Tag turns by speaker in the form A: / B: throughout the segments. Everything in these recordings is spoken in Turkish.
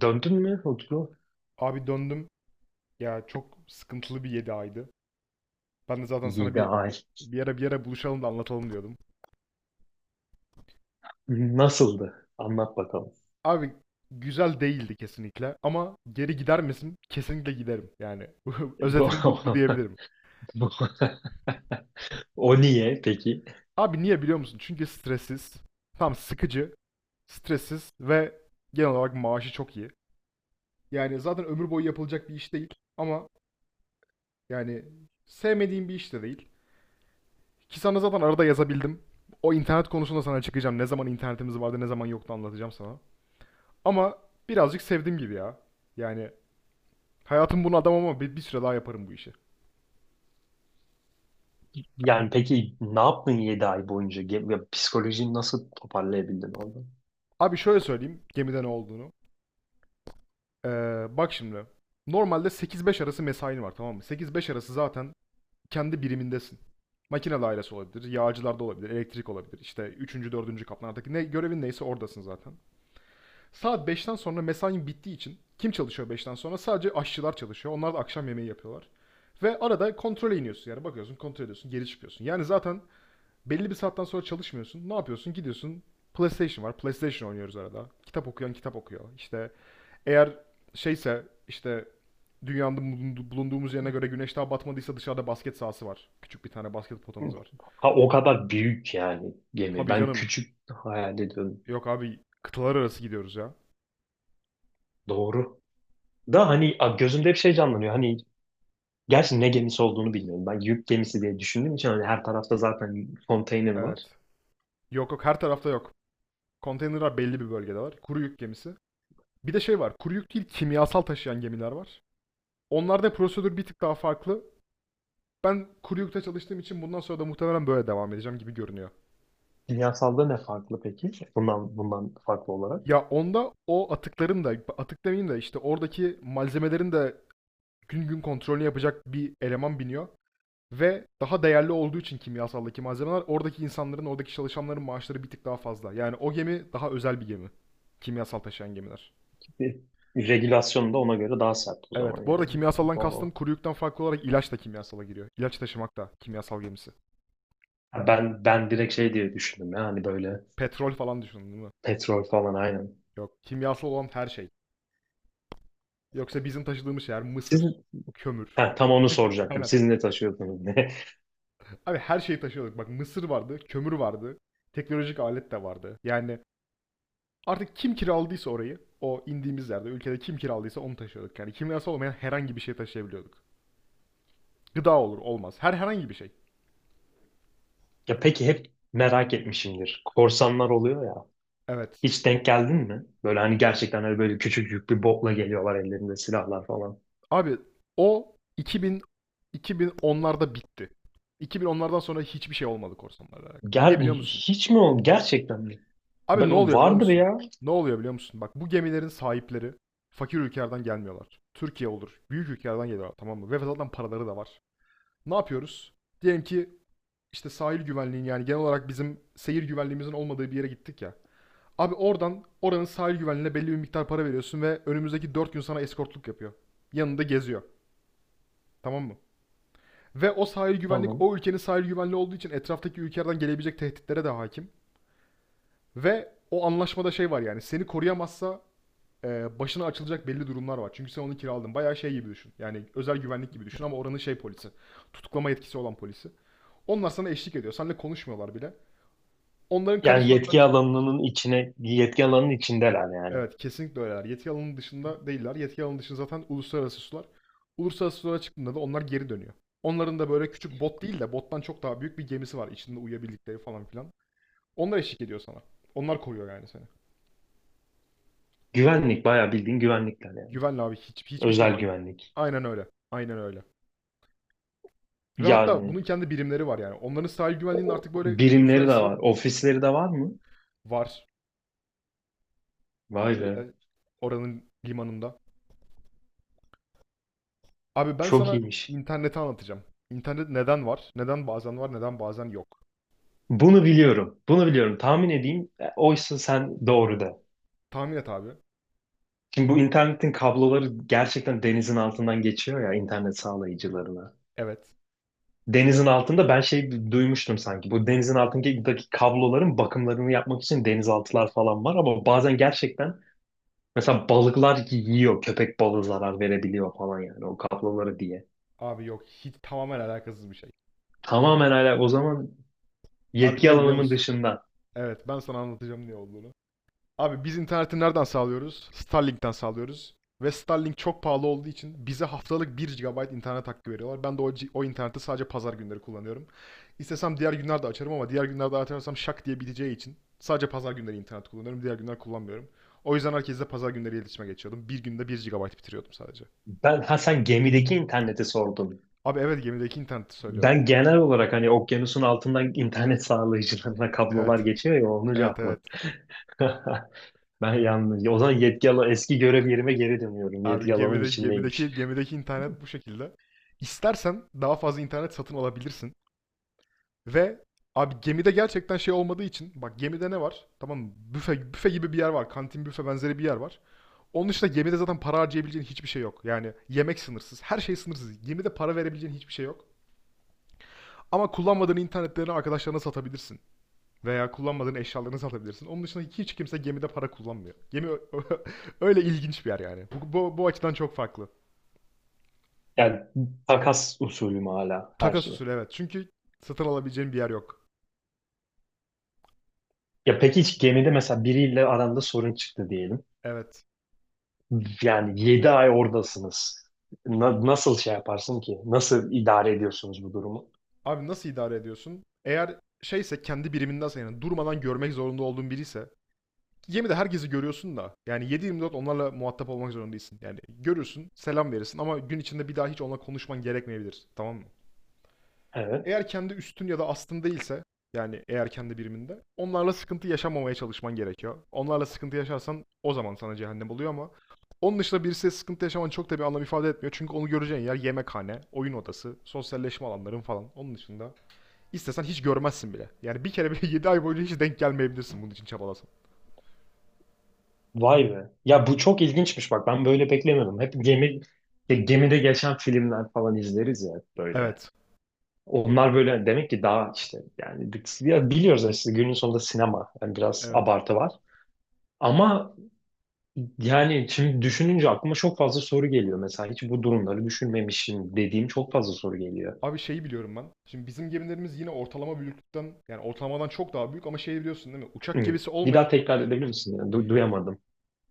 A: Döndün mü, Utku?
B: Abi döndüm. Ya çok sıkıntılı bir 7 aydı. Ben de zaten sana
A: Yedi
B: bir
A: ay.
B: bir ara bir ara buluşalım da anlatalım diyordum.
A: Nasıldı? Anlat bakalım.
B: Abi güzel değildi kesinlikle ama geri gider misin? Kesinlikle giderim. Yani
A: Bu,
B: özetini bu diyebilirim.
A: bu, o niye peki?
B: Abi niye biliyor musun? Çünkü stressiz, tam sıkıcı, stressiz ve genel olarak maaşı çok iyi. Yani zaten ömür boyu yapılacak bir iş değil ama yani sevmediğim bir iş de değil. Ki sana zaten arada yazabildim. O internet konusunda sana çıkacağım. Ne zaman internetimiz vardı, ne zaman yoktu anlatacağım sana. Ama birazcık sevdim gibi ya. Yani hayatım bunu adam ama bir süre daha yaparım bu işi.
A: Yani peki ne yaptın 7 ay boyunca? Psikolojini nasıl toparlayabildin orada?
B: Abi şöyle söyleyeyim gemide ne olduğunu. Ee, Bak şimdi. Normalde 8-5 arası mesain var tamam mı? 8-5 arası zaten kendi birimindesin. Makine dairesi olabilir, yağcılarda olabilir, elektrik olabilir. İşte üçüncü dördüncü kaplardaki ne görevin neyse oradasın zaten. Saat 5'ten sonra mesain bittiği için kim çalışıyor 5'ten sonra? Sadece aşçılar çalışıyor. Onlar da akşam yemeği yapıyorlar. Ve arada kontrole iniyorsun yani bakıyorsun kontrol ediyorsun geri çıkıyorsun. Yani zaten belli bir saatten sonra çalışmıyorsun. Ne yapıyorsun? Gidiyorsun. PlayStation var. PlayStation oynuyoruz arada. Kitap okuyan kitap okuyor. İşte eğer şeyse işte dünyanın bulunduğumuz yerine göre güneş daha batmadıysa dışarıda basket sahası var. Küçük bir tane basket potamız var.
A: Ha, o kadar büyük yani gemi.
B: Tabii
A: Ben
B: canım.
A: küçük hayal ediyorum.
B: Yok abi kıtalar arası gidiyoruz ya.
A: Doğru. Da hani gözümde hep şey canlanıyor. Hani, gerçi ne gemisi olduğunu bilmiyorum. Ben yük gemisi diye düşündüğüm için hani her tarafta zaten konteyner
B: Evet.
A: var.
B: Yok yok, her tarafta yok. Konteynerler belli bir bölgede var. Kuru yük gemisi. Bir de şey var. Kuru yük değil, kimyasal taşıyan gemiler var. Onlarda prosedür bir tık daha farklı. Ben kuru yükte çalıştığım için bundan sonra da muhtemelen böyle devam edeceğim gibi görünüyor.
A: Kimyasalda ne farklı peki? Bundan farklı olarak.
B: Ya onda o atıkların da, atık demeyeyim de işte oradaki malzemelerin de gün gün kontrolünü yapacak bir eleman biniyor. Ve daha değerli olduğu için kimyasaldaki malzemeler, oradaki insanların, oradaki çalışanların maaşları bir tık daha fazla. Yani o gemi daha özel bir gemi. Kimyasal taşıyan gemiler.
A: Bir, regülasyon da ona göre daha sert o zaman
B: Evet. Bu arada
A: yani.
B: kimyasaldan kastım,
A: Doğru.
B: kuru yükten farklı olarak ilaç da kimyasala giriyor. İlaç taşımak da kimyasal gemisi.
A: Ha, ben direkt şey diye düşündüm ya hani böyle.
B: Petrol falan düşünün değil mi?
A: Petrol falan aynen.
B: Yok. Kimyasal olan her şey. Yoksa bizim taşıdığımız şeyler
A: Siz,
B: mısır, kömür
A: ha,
B: falan.
A: tam onu soracaktım.
B: Aynen.
A: Siz ne taşıyordunuz, ne?
B: Abi her şeyi taşıyorduk. Bak, mısır vardı, kömür vardı, teknolojik alet de vardı. Yani artık kim kiraladıysa orayı, o indiğimiz yerde, ülkede kim kiraladıysa onu taşıyorduk. Yani kimyasal olmayan herhangi bir şey taşıyabiliyorduk. Gıda olur, olmaz. Herhangi bir şey.
A: Ya peki, hep merak etmişimdir, korsanlar oluyor ya.
B: Evet.
A: Hiç denk geldin mi? Böyle hani gerçekten öyle böyle küçük küçücük bir botla geliyorlar, ellerinde silahlar falan.
B: Abi o 2000 2010'larda bitti. 2010'lardan sonra hiçbir şey olmadı korsanlarla alakalı. Niye
A: Ger
B: biliyor musun?
A: hiç mi oldu? Gerçekten mi?
B: Abi ne oluyor biliyor
A: Vardır
B: musun?
A: ya.
B: Ne oluyor biliyor musun? Bak, bu gemilerin sahipleri fakir ülkelerden gelmiyorlar. Türkiye olur. Büyük ülkelerden geliyorlar tamam mı? Ve zaten paraları da var. Ne yapıyoruz? Diyelim ki işte sahil güvenliğin, yani genel olarak bizim seyir güvenliğimizin olmadığı bir yere gittik ya. Abi oradan, oranın sahil güvenliğine belli bir miktar para veriyorsun ve önümüzdeki 4 gün sana eskortluk yapıyor. Yanında geziyor. Tamam mı? Ve o sahil güvenlik,
A: Tamam.
B: o ülkenin sahil güvenliği olduğu için etraftaki ülkelerden gelebilecek tehditlere de hakim. Ve o anlaşmada şey var, yani seni koruyamazsa başına açılacak belli durumlar var. Çünkü sen onu kiraladın. Bayağı şey gibi düşün. Yani özel güvenlik gibi düşün ama oranın şey polisi. Tutuklama yetkisi olan polisi. Onlar sana eşlik ediyor. Seninle konuşmuyorlar bile. Onların kara
A: Yani
B: sularından çık.
A: yetki alanının içindeler yani.
B: Evet, kesinlikle öyleler. Yetki alanının dışında değiller. Yetki alanının dışında zaten uluslararası sular. Uluslararası sulara çıktığında da onlar geri dönüyor. Onların da böyle küçük bot değil de bottan çok daha büyük bir gemisi var, İçinde uyuyabildikleri falan filan. Onlar eşlik ediyor sana. Onlar koruyor yani seni.
A: Güvenlik bayağı bildiğin güvenlikler yani.
B: Güvenli abi, hiç, hiçbir şey
A: Özel
B: bak.
A: güvenlik.
B: Aynen öyle. Aynen öyle. Ve hatta bunun
A: Yani
B: kendi birimleri var yani. Onların sahil güvenliğinin artık böyle
A: birimleri de
B: uluslararası
A: var, ofisleri de var mı?
B: var,
A: Vay be.
B: şeyde, oranın limanında. Abi ben
A: Çok
B: sana
A: iyiymiş.
B: interneti anlatacağım. İnternet neden var? Neden bazen var, neden bazen yok?
A: Bunu biliyorum. Bunu biliyorum. Tahmin edeyim. Oysa sen doğru de.
B: Tahmin et abi.
A: Şimdi bu internetin kabloları gerçekten denizin altından geçiyor ya, internet sağlayıcılarına.
B: Evet.
A: Denizin altında ben şey duymuştum sanki. Bu denizin altındaki kabloların bakımlarını yapmak için denizaltılar falan var, ama bazen gerçekten mesela balıklar yiyor. Köpek balığı zarar verebiliyor falan yani, o kabloları diye.
B: Abi yok. Hiç, tamamen alakasız bir şey.
A: Tamamen hala o zaman
B: Abi
A: yetki
B: ne biliyor
A: alanımın
B: musun?
A: dışında.
B: Evet, ben sana anlatacağım ne olduğunu. Abi biz interneti nereden sağlıyoruz? Starlink'ten sağlıyoruz. Ve Starlink çok pahalı olduğu için bize haftalık bir gigabayt internet hakkı veriyorlar. Ben de o interneti sadece pazar günleri kullanıyorum. İstesem diğer günlerde açarım ama diğer günlerde açarsam şak diye biteceği için sadece pazar günleri internet kullanıyorum. Diğer günler kullanmıyorum. O yüzden herkesle pazar günleri iletişime geçiyordum. Bir günde bir gigabayt bitiriyordum sadece.
A: Ben, ha, sen gemideki interneti sordun.
B: Abi evet, gemideki interneti söylüyorum.
A: Ben genel olarak hani okyanusun altından internet sağlayıcılarına kablolar
B: Evet.
A: geçiyor ya, onu
B: Evet, evet.
A: cevapladım. Ben yalnız. O zaman eski görev yerime geri dönüyorum.
B: Abi
A: Yetki alanım
B: gemide,
A: içindeymiş.
B: gemideki internet bu şekilde. İstersen daha fazla internet satın alabilirsin. Ve abi gemide gerçekten şey olmadığı için, bak gemide ne var? Tamam mı? Büfe, büfe gibi bir yer var. Kantin, büfe benzeri bir yer var. Onun dışında gemide zaten para harcayabileceğin hiçbir şey yok. Yani yemek sınırsız, her şey sınırsız. Gemide para verebileceğin hiçbir şey yok. Ama kullanmadığın internetlerini arkadaşlarına satabilirsin. Veya kullanmadığın eşyalarını satabilirsin. Onun dışında hiç kimse gemide para kullanmıyor. Gemi öyle ilginç bir yer yani. Bu açıdan çok farklı.
A: Yani takas usulüm hala her
B: Takas
A: şey.
B: usulü, evet. Çünkü satın alabileceğin bir yer yok.
A: Ya peki hiç gemide mesela biriyle aranda sorun çıktı diyelim.
B: Evet.
A: Yani 7 ay oradasınız. Nasıl şey yaparsın ki? Nasıl idare ediyorsunuz bu durumu?
B: Abi nasıl idare ediyorsun? Eğer şeyse, kendi birimindense, yani durmadan görmek zorunda olduğun biriyse, gemide herkesi görüyorsun da yani 7-24 onlarla muhatap olmak zorunda değilsin. Yani görürsün, selam verirsin ama gün içinde bir daha hiç onunla konuşman gerekmeyebilir. Tamam mı?
A: Evet.
B: Eğer kendi üstün ya da astın değilse, yani eğer kendi biriminde onlarla sıkıntı yaşamamaya çalışman gerekiyor. Onlarla sıkıntı yaşarsan o zaman sana cehennem oluyor ama onun dışında birisiyle sıkıntı yaşaman çok da bir anlam ifade etmiyor. Çünkü onu göreceğin yer yemekhane, oyun odası, sosyalleşme alanların falan. Onun dışında İstesen hiç görmezsin bile. Yani bir kere bile 7 ay boyunca hiç denk gelmeyebilirsin bunun için çabalasan.
A: Vay be. Ya bu çok ilginçmiş bak. Ben böyle beklemiyordum. Hep gemi, gemide geçen filmler falan izleriz ya böyle.
B: Evet.
A: Onlar böyle demek ki daha işte yani ya biliyoruz aslında, günün sonunda sinema, yani biraz
B: Evet.
A: abartı var. Ama yani şimdi düşününce aklıma çok fazla soru geliyor. Mesela hiç bu durumları düşünmemişim dediğim çok fazla soru geliyor.
B: Abi şeyi biliyorum ben. Şimdi bizim gemilerimiz yine ortalama büyüklükten, yani ortalamadan çok daha büyük, ama şeyi biliyorsun değil mi? Uçak
A: Hı.
B: gemisi
A: Bir
B: olmayan
A: daha tekrar edebilir misin? Yani duyamadım.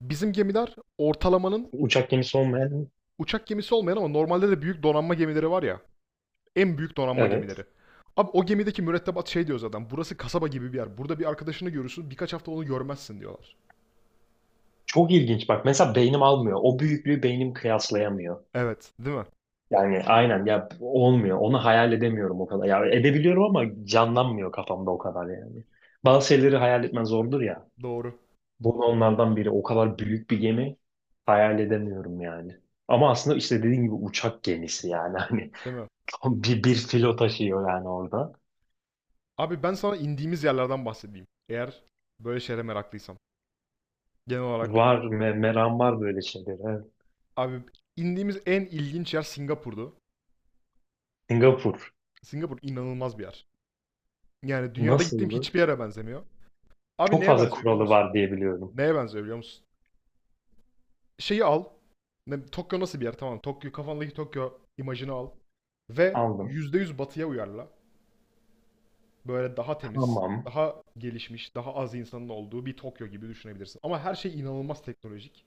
B: bizim gemiler ortalamanın,
A: Uçak gemisi olmayan,
B: uçak gemisi olmayan ama normalde de büyük donanma gemileri var ya. En büyük donanma
A: evet.
B: gemileri. Abi o gemideki mürettebat şey diyor zaten. Burası kasaba gibi bir yer. Burada bir arkadaşını görürsün. Birkaç hafta onu görmezsin diyorlar.
A: Çok ilginç bak, mesela beynim almıyor. O büyüklüğü beynim kıyaslayamıyor.
B: Evet, değil mi?
A: Yani aynen ya, olmuyor. Onu hayal edemiyorum o kadar. Ya edebiliyorum ama canlanmıyor kafamda o kadar yani. Bazı şeyleri hayal etmen zordur ya.
B: Doğru.
A: Bu da
B: Doğru.
A: onlardan biri. O kadar büyük bir gemi hayal edemiyorum yani. Ama aslında işte dediğim gibi uçak gemisi yani hani
B: Değil mi?
A: tam bir filo taşıyor yani orada.
B: Abi ben sana indiğimiz yerlerden bahsedeyim. Eğer böyle şeylere meraklıysan. Genel olarak.
A: Var, meram var böyle şeylere. Evet.
B: Abi indiğimiz en ilginç yer Singapur'du.
A: Singapur
B: Singapur inanılmaz bir yer. Yani dünyada gittiğim
A: nasıldı?
B: hiçbir yere benzemiyor. Abi
A: Çok
B: neye
A: fazla
B: benziyor biliyor
A: kuralı
B: musun?
A: var diye biliyorum.
B: Neye benziyor biliyor musun? Şeyi al. Ne, Tokyo nasıl bir yer? Tamam. Tokyo, kafandaki Tokyo imajını al. Ve
A: Aldım.
B: %100 batıya uyarla. Böyle daha temiz,
A: Tamam.
B: daha gelişmiş, daha az insanın olduğu bir Tokyo gibi düşünebilirsin. Ama her şey inanılmaz teknolojik.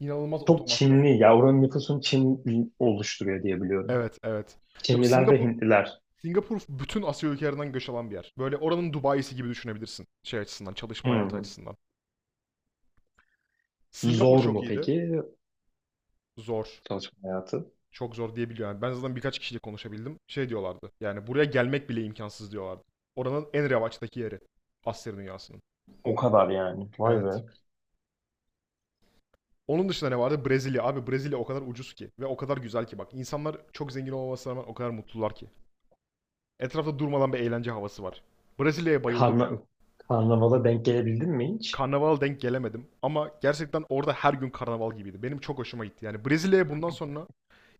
B: İnanılmaz
A: Çok
B: otomasyon.
A: Çinli ya, oranın nüfusunu Çin oluşturuyor diye biliyorum.
B: Evet, evet. Yok,
A: Çinliler ve
B: Singapur,
A: Hintliler.
B: Singapur bütün Asya ülkelerinden göç alan bir yer. Böyle oranın Dubai'si gibi düşünebilirsin. Şey açısından,
A: Hı
B: çalışma hayatı
A: hı.
B: açısından. Singapur
A: Zor
B: çok
A: mu
B: iyiydi.
A: peki
B: Zor.
A: çalışma hayatı?
B: Çok zor diyebiliyorum. Yani ben zaten birkaç kişiyle konuşabildim. Şey diyorlardı. Yani buraya gelmek bile imkansız diyorlardı. Oranın en revaçtaki yeri. Asya dünyasının.
A: O kadar yani. Vay
B: Evet.
A: be.
B: Onun dışında ne vardı? Brezilya. Abi Brezilya o kadar ucuz ki ve o kadar güzel ki bak. İnsanlar çok zengin olmamasına rağmen o kadar mutlular ki. Etrafta durmadan bir eğlence havası var. Brezilya'ya bayıldım
A: Karna
B: ya.
A: Karnavala denk gelebildin mi hiç?
B: Karnaval denk gelemedim. Ama gerçekten orada her gün karnaval gibiydi. Benim çok hoşuma gitti. Yani Brezilya'ya bundan sonra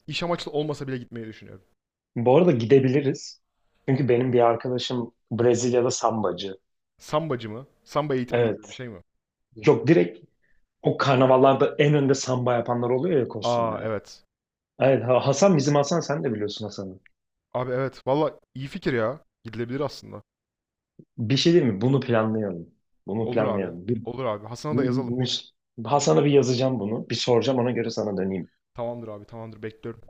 B: iş amaçlı olmasa bile gitmeyi düşünüyorum.
A: Bu arada gidebiliriz. Çünkü benim bir arkadaşım Brezilya'da sambacı.
B: Sambacı mı? Samba eğitmeni gibi bir
A: Evet.
B: şey mi?
A: Yok, direkt o karnavallarda en önde samba yapanlar oluyor ya,
B: Aa,
A: kostümle.
B: evet.
A: Evet, Hasan, bizim Hasan, sen de biliyorsun Hasan'ı.
B: Abi evet. Valla iyi fikir ya. Gidilebilir aslında.
A: Bir şey değil mi? Bunu planlayalım. Bunu
B: Olur abi.
A: planlayalım. Bir,
B: Olur abi. Hasan'a da
A: bu-
B: yazalım.
A: Hasan'a bir yazacağım bunu. Bir soracağım, ona göre sana döneyim.
B: Tamamdır abi. Tamamdır. Bekliyorum.